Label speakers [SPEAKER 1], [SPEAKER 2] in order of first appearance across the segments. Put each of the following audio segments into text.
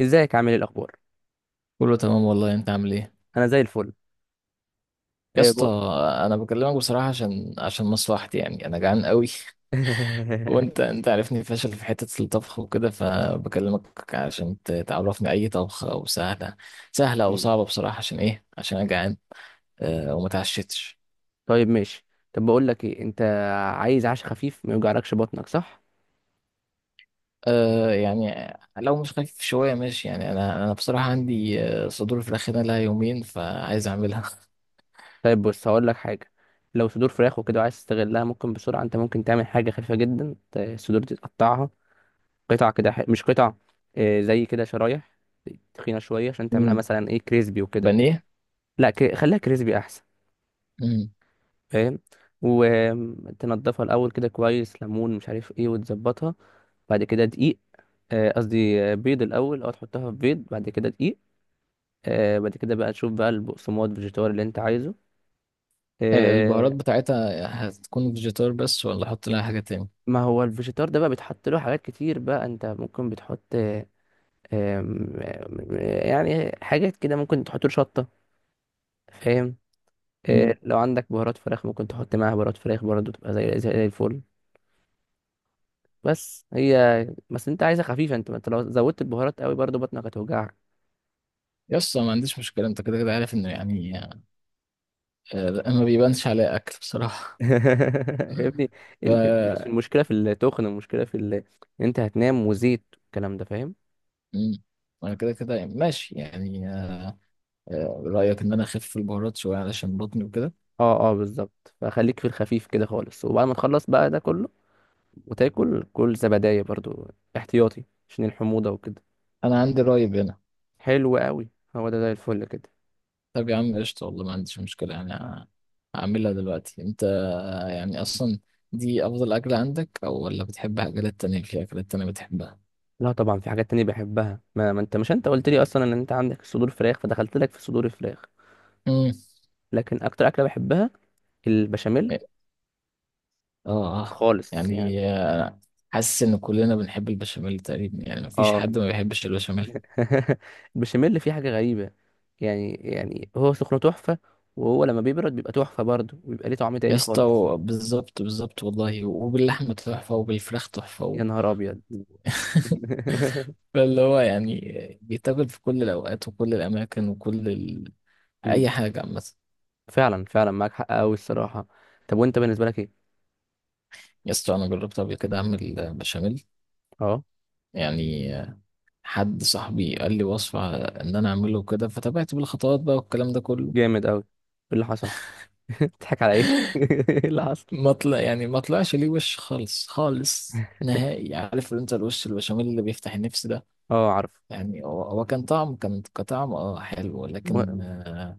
[SPEAKER 1] ازيك؟ عامل ايه، الاخبار؟
[SPEAKER 2] كله تمام والله، انت عامل ايه؟
[SPEAKER 1] انا زي الفل.
[SPEAKER 2] يا
[SPEAKER 1] إيه
[SPEAKER 2] اسطى،
[SPEAKER 1] بو...
[SPEAKER 2] انا بكلمك بصراحه عشان مصلحتي، يعني انا جعان قوي. وانت عارفني فاشل في حته الطبخ وكده، فبكلمك عشان تعرفني اي طبخه او سهله او
[SPEAKER 1] مم.
[SPEAKER 2] صعبه بصراحه، عشان ايه؟ عشان انا جعان. أه، وما تعشتش.
[SPEAKER 1] طيب، ماشي. طب، بقول لك ايه، انت عايز عشاء خفيف ما يوجعلكش بطنك، صح؟
[SPEAKER 2] أه، يعني لو مش خفيف شويه ماشي، يعني انا بصراحه عندي صدور فراخ هنا لها يومين، فعايز اعملها.
[SPEAKER 1] طيب، بص، هقول لك حاجه. لو صدور فراخ وكده عايز تستغلها، ممكن بسرعه انت ممكن تعمل حاجه خفيفه جدا، الصدور دي تقطعها. قطع كده، مش قطع. إيه، زي كده شرايح تخينه شويه عشان تعملها
[SPEAKER 2] مم.
[SPEAKER 1] مثلا ايه كريسبي وكده.
[SPEAKER 2] بانيه.
[SPEAKER 1] لا، خليها كريسبي احسن.
[SPEAKER 2] مم.
[SPEAKER 1] فاهم؟ وتنضفها الاول كده كويس، ليمون مش عارف ايه، وتظبطها. بعد كده دقيق. قصدي بيض الاول، تحطها في بيض، بعد كده دقيق. بعد كده بقى تشوف بقى البقسماط الفيجيتار اللي انت عايزه. آه.
[SPEAKER 2] البهارات بتاعتها هتكون فيجيتار بس، ولا احط لها حاجه تاني؟
[SPEAKER 1] ما هو الفيجيتار ده بقى بيتحط له حاجات كتير، بقى انت ممكن بتحط. آم، آم، يعني حاجات كده ممكن تحط له شطة. فاهم؟ لو عندك بهارات فراخ ممكن تحط معاها بهارات فراخ برضه، تبقى زي الفل. بس هي بس انت عايزها خفيفة، انت ما انت لو زودت البهارات قوي برضه بطنك هتوجعك.
[SPEAKER 2] يس، ما عنديش مشكلة. انت كده كده عارف انه، يعني ما بيبانش عليا اكل بصراحة.
[SPEAKER 1] يا ابني،
[SPEAKER 2] ف
[SPEAKER 1] مش المشكله في التخن، المشكله في إن انت هتنام وزيت والكلام ده، فاهم؟
[SPEAKER 2] مم. انا كده كده ماشي يعني. رأيك ان انا اخف في البهارات شوية علشان بطني وكده؟
[SPEAKER 1] اه، اه، بالظبط، فخليك في الخفيف كده خالص، وبعد ما تخلص بقى ده كله وتاكل كل زبدايه برضو، احتياطي، عشان الحموضه وكده.
[SPEAKER 2] انا عندي رأي هنا.
[SPEAKER 1] حلو قوي. هو ده زي الفل كده.
[SPEAKER 2] طب يا عم قشطة، والله ما عنديش مشكلة، يعني هعملها دلوقتي. انت يعني اصلا دي افضل اكلة عندك، او ولا بتحب اكلات تانية؟ في اكلات تانية بتحبها؟
[SPEAKER 1] لا، طبعا في حاجات تانية بحبها، ما انت، مش انت قلت لي اصلا ان انت عندك صدور فراخ، فدخلت لك في صدور الفراخ.
[SPEAKER 2] مم.
[SPEAKER 1] لكن اكتر اكله بحبها البشاميل،
[SPEAKER 2] اه، اه.
[SPEAKER 1] خالص يعني.
[SPEAKER 2] يعني حاسس ان كلنا بنحب البشاميل تقريبا، يعني مفيش
[SPEAKER 1] اه.
[SPEAKER 2] حد ما بيحبش البشاميل.
[SPEAKER 1] البشاميل فيه حاجة غريبة. يعني هو سخنه تحفة، وهو لما بيبرد بيبقى تحفة برضه، وبيبقى ليه طعم
[SPEAKER 2] يا
[SPEAKER 1] تاني
[SPEAKER 2] اسطى،
[SPEAKER 1] خالص.
[SPEAKER 2] بالظبط بالظبط، والله وباللحمه تحفه وبالفراخ تحفه
[SPEAKER 1] يا نهار أبيض.
[SPEAKER 2] و- فاللي هو يعني بيتاكل في كل الاوقات وكل الاماكن وكل
[SPEAKER 1] مم.
[SPEAKER 2] اي حاجه عامه.
[SPEAKER 1] فعلا فعلا، معاك حق أوي الصراحة. طب، وأنت بالنسبة لك إيه؟
[SPEAKER 2] يا اسطى، انا جربت قبل كده اعمل بشاميل.
[SPEAKER 1] أه.
[SPEAKER 2] يعني حد صاحبي قال لي وصفه ان انا اعمله كده، فتابعت بالخطوات بقى والكلام ده كله.
[SPEAKER 1] جامد أوي! إيه اللي حصل؟ بتضحك على إيه؟ إيه اللي حصل؟
[SPEAKER 2] ما طلع يعني ما طلعش ليه وش خالص خالص نهائي. عارف انت الوش البشاميل اللي بيفتح النفس ده؟
[SPEAKER 1] أه، عارف.
[SPEAKER 2] يعني هو كان كطعم، حلو،
[SPEAKER 1] و...
[SPEAKER 2] لكن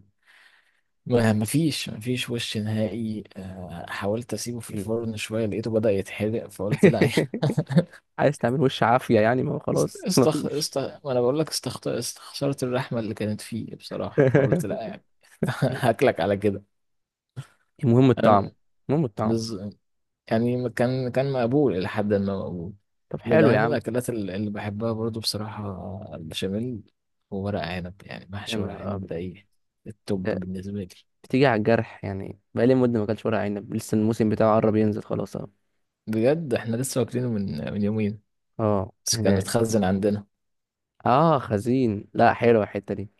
[SPEAKER 2] ما فيش وش نهائي. حاولت اسيبه في
[SPEAKER 1] مم.
[SPEAKER 2] الفرن شويه، لقيته بدأ يتحرق فقلت لا يعني.
[SPEAKER 1] عايز تعمل وش عافية يعني، ما هو
[SPEAKER 2] است-
[SPEAKER 1] خلاص
[SPEAKER 2] استخ
[SPEAKER 1] مفيش.
[SPEAKER 2] است ما انا بقول لك استخسرت الرحمه اللي كانت فيه بصراحه، فقلت لا يعني. هاكلك على كده.
[SPEAKER 1] المهم الطعم.
[SPEAKER 2] انا
[SPEAKER 1] المهم الطعم.
[SPEAKER 2] بز... يعني كان مقبول، إلى حد ما مقبول.
[SPEAKER 1] طب،
[SPEAKER 2] من
[SPEAKER 1] حلو يا
[SPEAKER 2] أهم
[SPEAKER 1] عم.
[SPEAKER 2] الأكلات اللي بحبها برضو بصراحة، البشاميل. وورق عنب، يعني
[SPEAKER 1] يا
[SPEAKER 2] محشي ورق
[SPEAKER 1] نهار
[SPEAKER 2] عنب، ده
[SPEAKER 1] أبيض.
[SPEAKER 2] إيه، التوب بالنسبة لي.
[SPEAKER 1] بتيجي على الجرح، يعني بقالي مدة ما اكلتش ورق عنب، لسه الموسم بتاعه قرب ينزل خلاص اهو.
[SPEAKER 2] بجد إحنا لسه واكلينه من يومين،
[SPEAKER 1] اه،
[SPEAKER 2] بس كان
[SPEAKER 1] هنا.
[SPEAKER 2] متخزن عندنا.
[SPEAKER 1] اه، خزين، لا حلوة الحتة دي.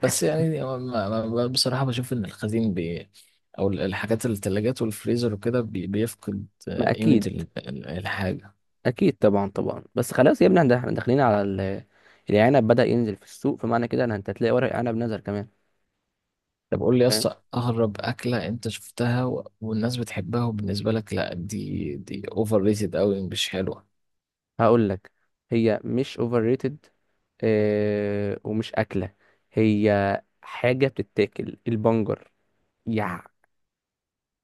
[SPEAKER 2] بس يعني هو بصراحة بشوف إن الخزين، أو الحاجات التلاجات والفريزر وكده، بيفقد
[SPEAKER 1] ما
[SPEAKER 2] قيمة
[SPEAKER 1] اكيد.
[SPEAKER 2] الحاجة.
[SPEAKER 1] اكيد طبعا طبعا، بس خلاص يا ابني، إحنا داخلين على العنب بدأ ينزل في السوق، فمعنى كده ان انت هتلاقي ورق عنب نزل كمان.
[SPEAKER 2] طب قول لي يا
[SPEAKER 1] فاهم؟
[SPEAKER 2] اسطى، اغرب اكله انت شفتها والناس بتحبها وبالنسبه لك لا، دي اوفر ريتد قوي، مش حلوه.
[SPEAKER 1] هقول لك. هي مش اوفر ريتد، آه، ومش اكلة، هي حاجة بتتاكل، البنجر. يا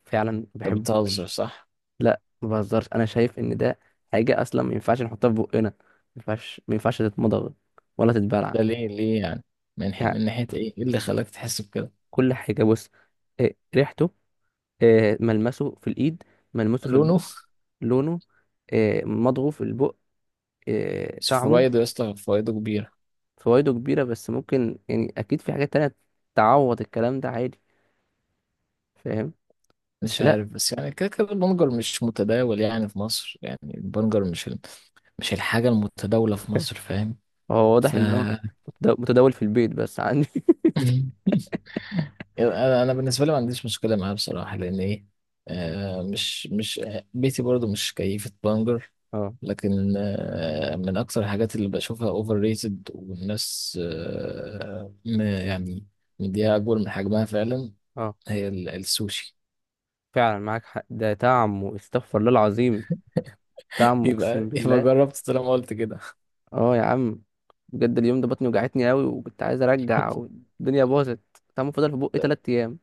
[SPEAKER 1] فعلا ما
[SPEAKER 2] انت بتهزر
[SPEAKER 1] بحبوش.
[SPEAKER 2] صح؟
[SPEAKER 1] لا، ما بهزرش، انا شايف ان ده حاجه اصلا ما ينفعش نحطها في بقنا، ما ينفعش تتمضغ ولا تتبلع.
[SPEAKER 2] ده ليه ليه يعني؟
[SPEAKER 1] يعني،
[SPEAKER 2] من ناحيه ايه؟ ايه اللي خلاك تحس بكده؟
[SPEAKER 1] كل حاجه، بص. إيه ريحته! إيه ملمسه في الايد! ملمسه في
[SPEAKER 2] لونه.
[SPEAKER 1] البق! لونه! إيه مضغه في البق! إيه
[SPEAKER 2] بس
[SPEAKER 1] طعمه!
[SPEAKER 2] فوائده يا اسطى، فوائده كبيره.
[SPEAKER 1] فوائده كبيره بس، ممكن يعني اكيد في حاجات تانية تعوض الكلام ده عادي. فاهم؟
[SPEAKER 2] مش
[SPEAKER 1] بس لا،
[SPEAKER 2] عارف، بس يعني كده كده البنجر مش متداول يعني في مصر، يعني البنجر مش مش الحاجه المتداوله في مصر، فاهم؟
[SPEAKER 1] هو واضح
[SPEAKER 2] ف
[SPEAKER 1] ان هو متداول في البيت بس عندي.
[SPEAKER 2] انا بالنسبه لي ما عنديش مشكله معاه بصراحه، لان ايه؟ مش، بيتي برضو مش كيفه بانجر.
[SPEAKER 1] اه،
[SPEAKER 2] لكن من اكثر الحاجات اللي بشوفها اوفر ريتد، والناس، يعني مديها اكبر من حجمها فعلا،
[SPEAKER 1] اه،
[SPEAKER 2] هي السوشي.
[SPEAKER 1] فعلا معاك حق، ده طعمه استغفر الله العظيم، دعم، اقسم
[SPEAKER 2] يبقى
[SPEAKER 1] بالله.
[SPEAKER 2] جربت طالما قلت كده؟
[SPEAKER 1] اه يا عم، بجد اليوم ده بطني وجعتني قوي، وكنت عايز ارجع والدنيا باظت. طعمه فضل في بقي 3 ايام.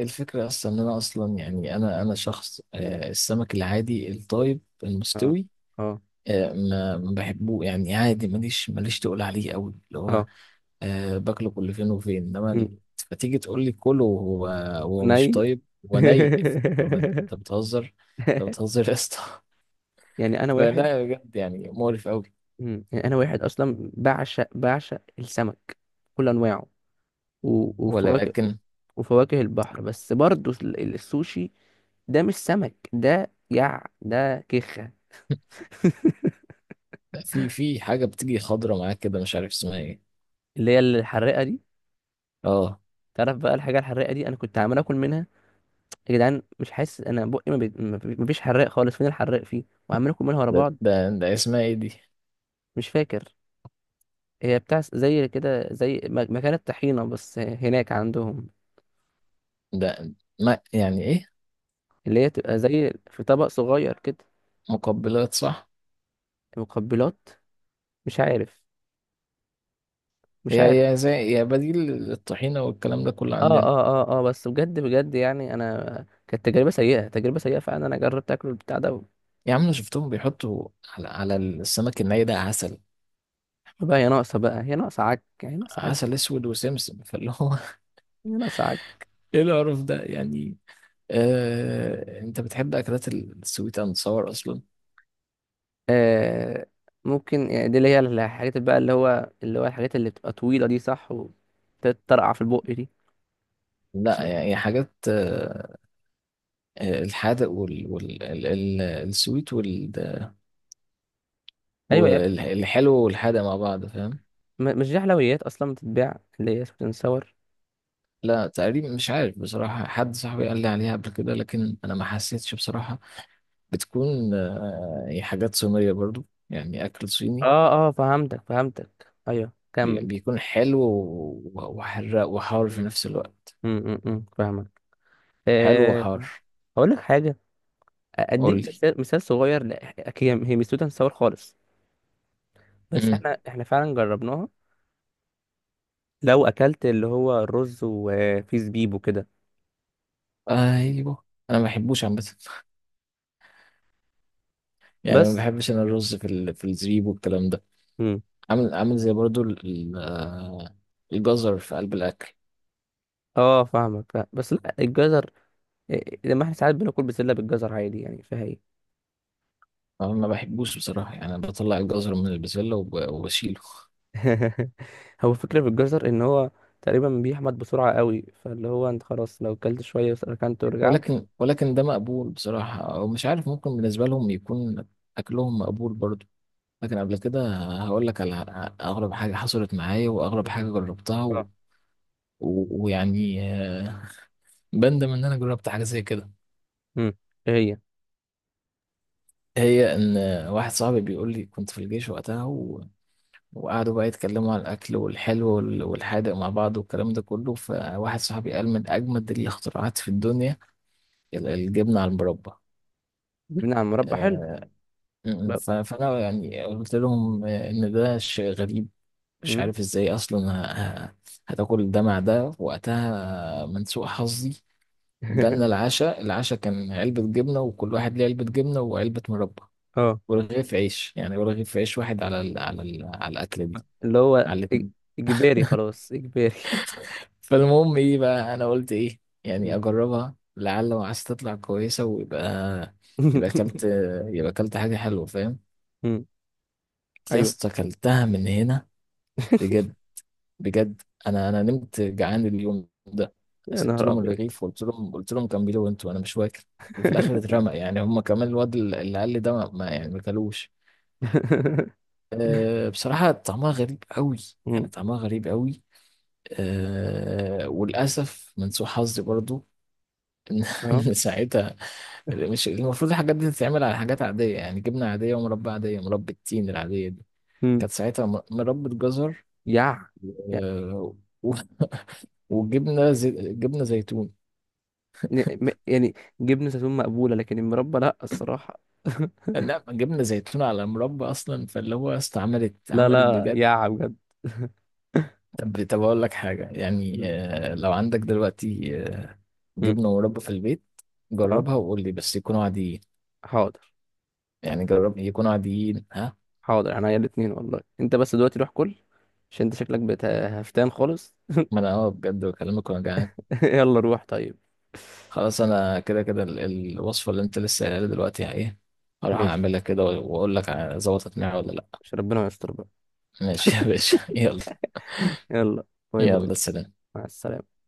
[SPEAKER 2] الفكره اصلا ان انا اصلا، يعني انا شخص، السمك العادي الطيب
[SPEAKER 1] اه،
[SPEAKER 2] المستوي
[SPEAKER 1] اه،
[SPEAKER 2] ما بحبه، يعني عادي، ماليش تقول عليه قوي اللي هو.
[SPEAKER 1] اه.
[SPEAKER 2] باكله كل فين وفين، انما
[SPEAKER 1] مم.
[SPEAKER 2] فتيجي تقول لي كله، وهو مش
[SPEAKER 1] ني.
[SPEAKER 2] طيب وني؟ هو انت بتهزر، انت بتهزر يا اسطى.
[SPEAKER 1] يعني انا واحد.
[SPEAKER 2] فلا، بجد يعني مقرف قوي.
[SPEAKER 1] مم. يعني انا واحد اصلا بعشق بعشق السمك، كل انواعه، وفواكه،
[SPEAKER 2] ولكن
[SPEAKER 1] وفواكه البحر، بس برضه السوشي ده مش سمك، ده ده كيخة.
[SPEAKER 2] لا، في حاجه بتيجي خضره معاك كده، مش عارف اسمها ايه.
[SPEAKER 1] اللي هي الحراقة دي.
[SPEAKER 2] اه.
[SPEAKER 1] تعرف بقى الحاجة الحراقة دي، أنا كنت عمال آكل منها، يا جدعان مش حاسس انا بقي، ما بي- ما بي- مفيش حراق خالص، فين الحراق فيه، وعمالين كلهم ورا
[SPEAKER 2] ده
[SPEAKER 1] بعض.
[SPEAKER 2] ده, ده اسمها ايه دي؟
[SPEAKER 1] مش فاكر. هي بتاع زي كده، زي مكان الطحينه بس هناك عندهم.
[SPEAKER 2] ده ما يعني ايه؟
[SPEAKER 1] اللي هي تبقى زي في طبق صغير كده.
[SPEAKER 2] مقبلات صح؟
[SPEAKER 1] مقبلات. مش عارف. مش عارف.
[SPEAKER 2] هي زي، هي بديل للطحينه والكلام ده كله
[SPEAKER 1] اه،
[SPEAKER 2] عندنا.
[SPEAKER 1] اه، اه، اه. بس بجد بجد، يعني انا كانت تجربه سيئه، تجربه سيئه فعلا، انا جربت اكل البتاع ده.
[SPEAKER 2] يا عم، أنا شفتهم بيحطوا على السمك الني ده عسل،
[SPEAKER 1] بقى هي ناقصه، بقى هي ناقصه عك، هي ناقصه عك،
[SPEAKER 2] عسل اسود وسمسم، فاللي هو
[SPEAKER 1] هي ناقصه عك.
[SPEAKER 2] ايه القرف ده يعني؟ انت بتحب اكلات السويت اند صور اصلا؟
[SPEAKER 1] آه. ممكن يعني دي اللي هي الحاجات بقى، اللي هو الحاجات اللي بتبقى طويلة دي، صح؟ وتترقع في البق دي.
[SPEAKER 2] لا يعني حاجات الحادق السويت
[SPEAKER 1] ايوه يا ابني،
[SPEAKER 2] والحلو والحادق مع بعض، فاهم؟
[SPEAKER 1] مش دي حلويات اصلا بتتباع اللي هي سويت اند ساور.
[SPEAKER 2] لا تقريبا مش عارف بصراحة، حد صاحبي قال لي عليها قبل كده لكن انا ما حسيتش بصراحة. بتكون هي حاجات صينية برضو، يعني اكل صيني،
[SPEAKER 1] اه، اه، فهمتك، فهمتك، ايوه كمل.
[SPEAKER 2] بيكون حلو وحراق وحار في
[SPEAKER 1] مم.
[SPEAKER 2] نفس الوقت،
[SPEAKER 1] فاهمك.
[SPEAKER 2] حلو
[SPEAKER 1] آه.
[SPEAKER 2] وحار.
[SPEAKER 1] هقول لك حاجه، اديك
[SPEAKER 2] قول
[SPEAKER 1] مثال، مثال صغير. لا، هي مش سويت اند ساور خالص، بس
[SPEAKER 2] لي،
[SPEAKER 1] احنا فعلا جربناها. لو اكلت اللي هو الرز وفيه زبيب وكده.
[SPEAKER 2] ايوه. انا ما بحبوش عامه. يعني ما
[SPEAKER 1] بس.
[SPEAKER 2] بحبش انا الرز في في الزبيب والكلام ده، عامل زي برضو الجزر في قلب الاكل.
[SPEAKER 1] اه، فاهمك، فاهم. بس لا، الجزر، إيه، لما احنا ساعات بناكل بسله بالجزر عادي، يعني فيها ايه؟
[SPEAKER 2] أنا ما بحبوش بصراحه، يعني أنا بطلع الجزر من البسله وبشيله.
[SPEAKER 1] هو الفكره في الجزر ان هو تقريبا بيحمض بسرعه قوي، فاللي هو انت خلاص لو كلت شويه وسرحت ورجعت.
[SPEAKER 2] ولكن ده مقبول بصراحه، او مش عارف، ممكن بالنسبه لهم يكون اكلهم مقبول برضو. لكن قبل كده هقول لك على اغرب حاجه حصلت معايا، واغرب حاجه جربتها
[SPEAKER 1] اه.
[SPEAKER 2] ويعني بندم ان انا جربت حاجه زي كده.
[SPEAKER 1] امم. ايه هي؟
[SPEAKER 2] هي ان واحد صاحبي بيقول لي كنت في الجيش وقتها، وقعدوا بقى يتكلموا على الاكل والحلو والحادق مع بعض والكلام ده كله، فواحد صاحبي قال من اجمد الاختراعات في الدنيا الجبنه على المربى.
[SPEAKER 1] بنعمل مربى حلو.
[SPEAKER 2] آه،
[SPEAKER 1] لا.
[SPEAKER 2] فانا يعني قلت لهم، ان ده شيء غريب، مش
[SPEAKER 1] امم.
[SPEAKER 2] عارف ازاي اصلا هتاكل ده مع ده. وقتها من سوء حظي جالنا العشاء، العشاء كان علبة جبنة، وكل واحد ليه علبة جبنة وعلبة مربى،
[SPEAKER 1] اه.
[SPEAKER 2] ولا رغيف عيش، يعني ولا رغيف عيش واحد، على ال على ال على الأكلة دي،
[SPEAKER 1] اللي هو
[SPEAKER 2] على الاتنين.
[SPEAKER 1] اجباري، خلاص، اجباري.
[SPEAKER 2] فالمهم إيه بقى، أنا قلت إيه يعني،
[SPEAKER 1] مم.
[SPEAKER 2] أجربها لعل وعايز تطلع كويسة، ويبقى يبقى أكلت يبقى أكلت حاجة حلوة، فاهم؟
[SPEAKER 1] مم.
[SPEAKER 2] يا
[SPEAKER 1] ايوه.
[SPEAKER 2] اسطى أكلتها من هنا، بجد. بجد أنا نمت جعان اليوم ده.
[SPEAKER 1] يا
[SPEAKER 2] سبت
[SPEAKER 1] نهار
[SPEAKER 2] لهم
[SPEAKER 1] ابيض.
[SPEAKER 2] الرغيف وقلت لهم، قلت لهم كملوا أنتوا، أنا مش واكل. وفي الآخر اترمى، يعني هما كمان الواد اللي قال لي ده يعني ما كلوش. أه بصراحة طعمها غريب قوي،
[SPEAKER 1] مم.
[SPEAKER 2] يعني طعمها غريب قوي. وللأسف من سوء حظي برضو إن
[SPEAKER 1] اه.
[SPEAKER 2] إن ساعتها مش المفروض الحاجات دي تتعمل على حاجات عادية، يعني جبنة عادية ومربى عادية، مربى التين العادية دي.
[SPEAKER 1] مم.
[SPEAKER 2] كانت ساعتها مربى جزر.
[SPEAKER 1] يا
[SPEAKER 2] آه و- وجبنة زي جبنة زيتون.
[SPEAKER 1] يعني، جبنة زيتون مقبولة، لكن المربى لا، الصراحة.
[SPEAKER 2] لا، جبنة زيتون على مربى أصلا، فاللي هو
[SPEAKER 1] لا،
[SPEAKER 2] عملت
[SPEAKER 1] لا،
[SPEAKER 2] بجد.
[SPEAKER 1] يا بجد.
[SPEAKER 2] طب أقول لك حاجة، يعني
[SPEAKER 1] مم.
[SPEAKER 2] لو عندك دلوقتي
[SPEAKER 1] مم.
[SPEAKER 2] جبنة مربى في البيت،
[SPEAKER 1] اه.
[SPEAKER 2] جربها وقول لي، بس يكونوا عاديين،
[SPEAKER 1] حاضر.
[SPEAKER 2] يعني جرب يكونوا عاديين، ها؟
[SPEAKER 1] حاضر، يعني هي الاتنين والله، انت بس دلوقتي روح كل، عشان انت شكلك بقيت هفتان خالص.
[SPEAKER 2] ما انا بجد بكلمك وانا جعان.
[SPEAKER 1] يلا روح طيب.
[SPEAKER 2] خلاص انا كده كده الوصفه اللي انت لسه قايلها لي دلوقتي ايه، هروح
[SPEAKER 1] ماشي.
[SPEAKER 2] اعملها كده واقول لك ظبطت معايا ولا لا.
[SPEAKER 1] مش ربنا يستر بقى.
[SPEAKER 2] ماشي يا باشا، يلا.
[SPEAKER 1] يلا. باي باي.
[SPEAKER 2] يلا سلام.
[SPEAKER 1] مع السلامة.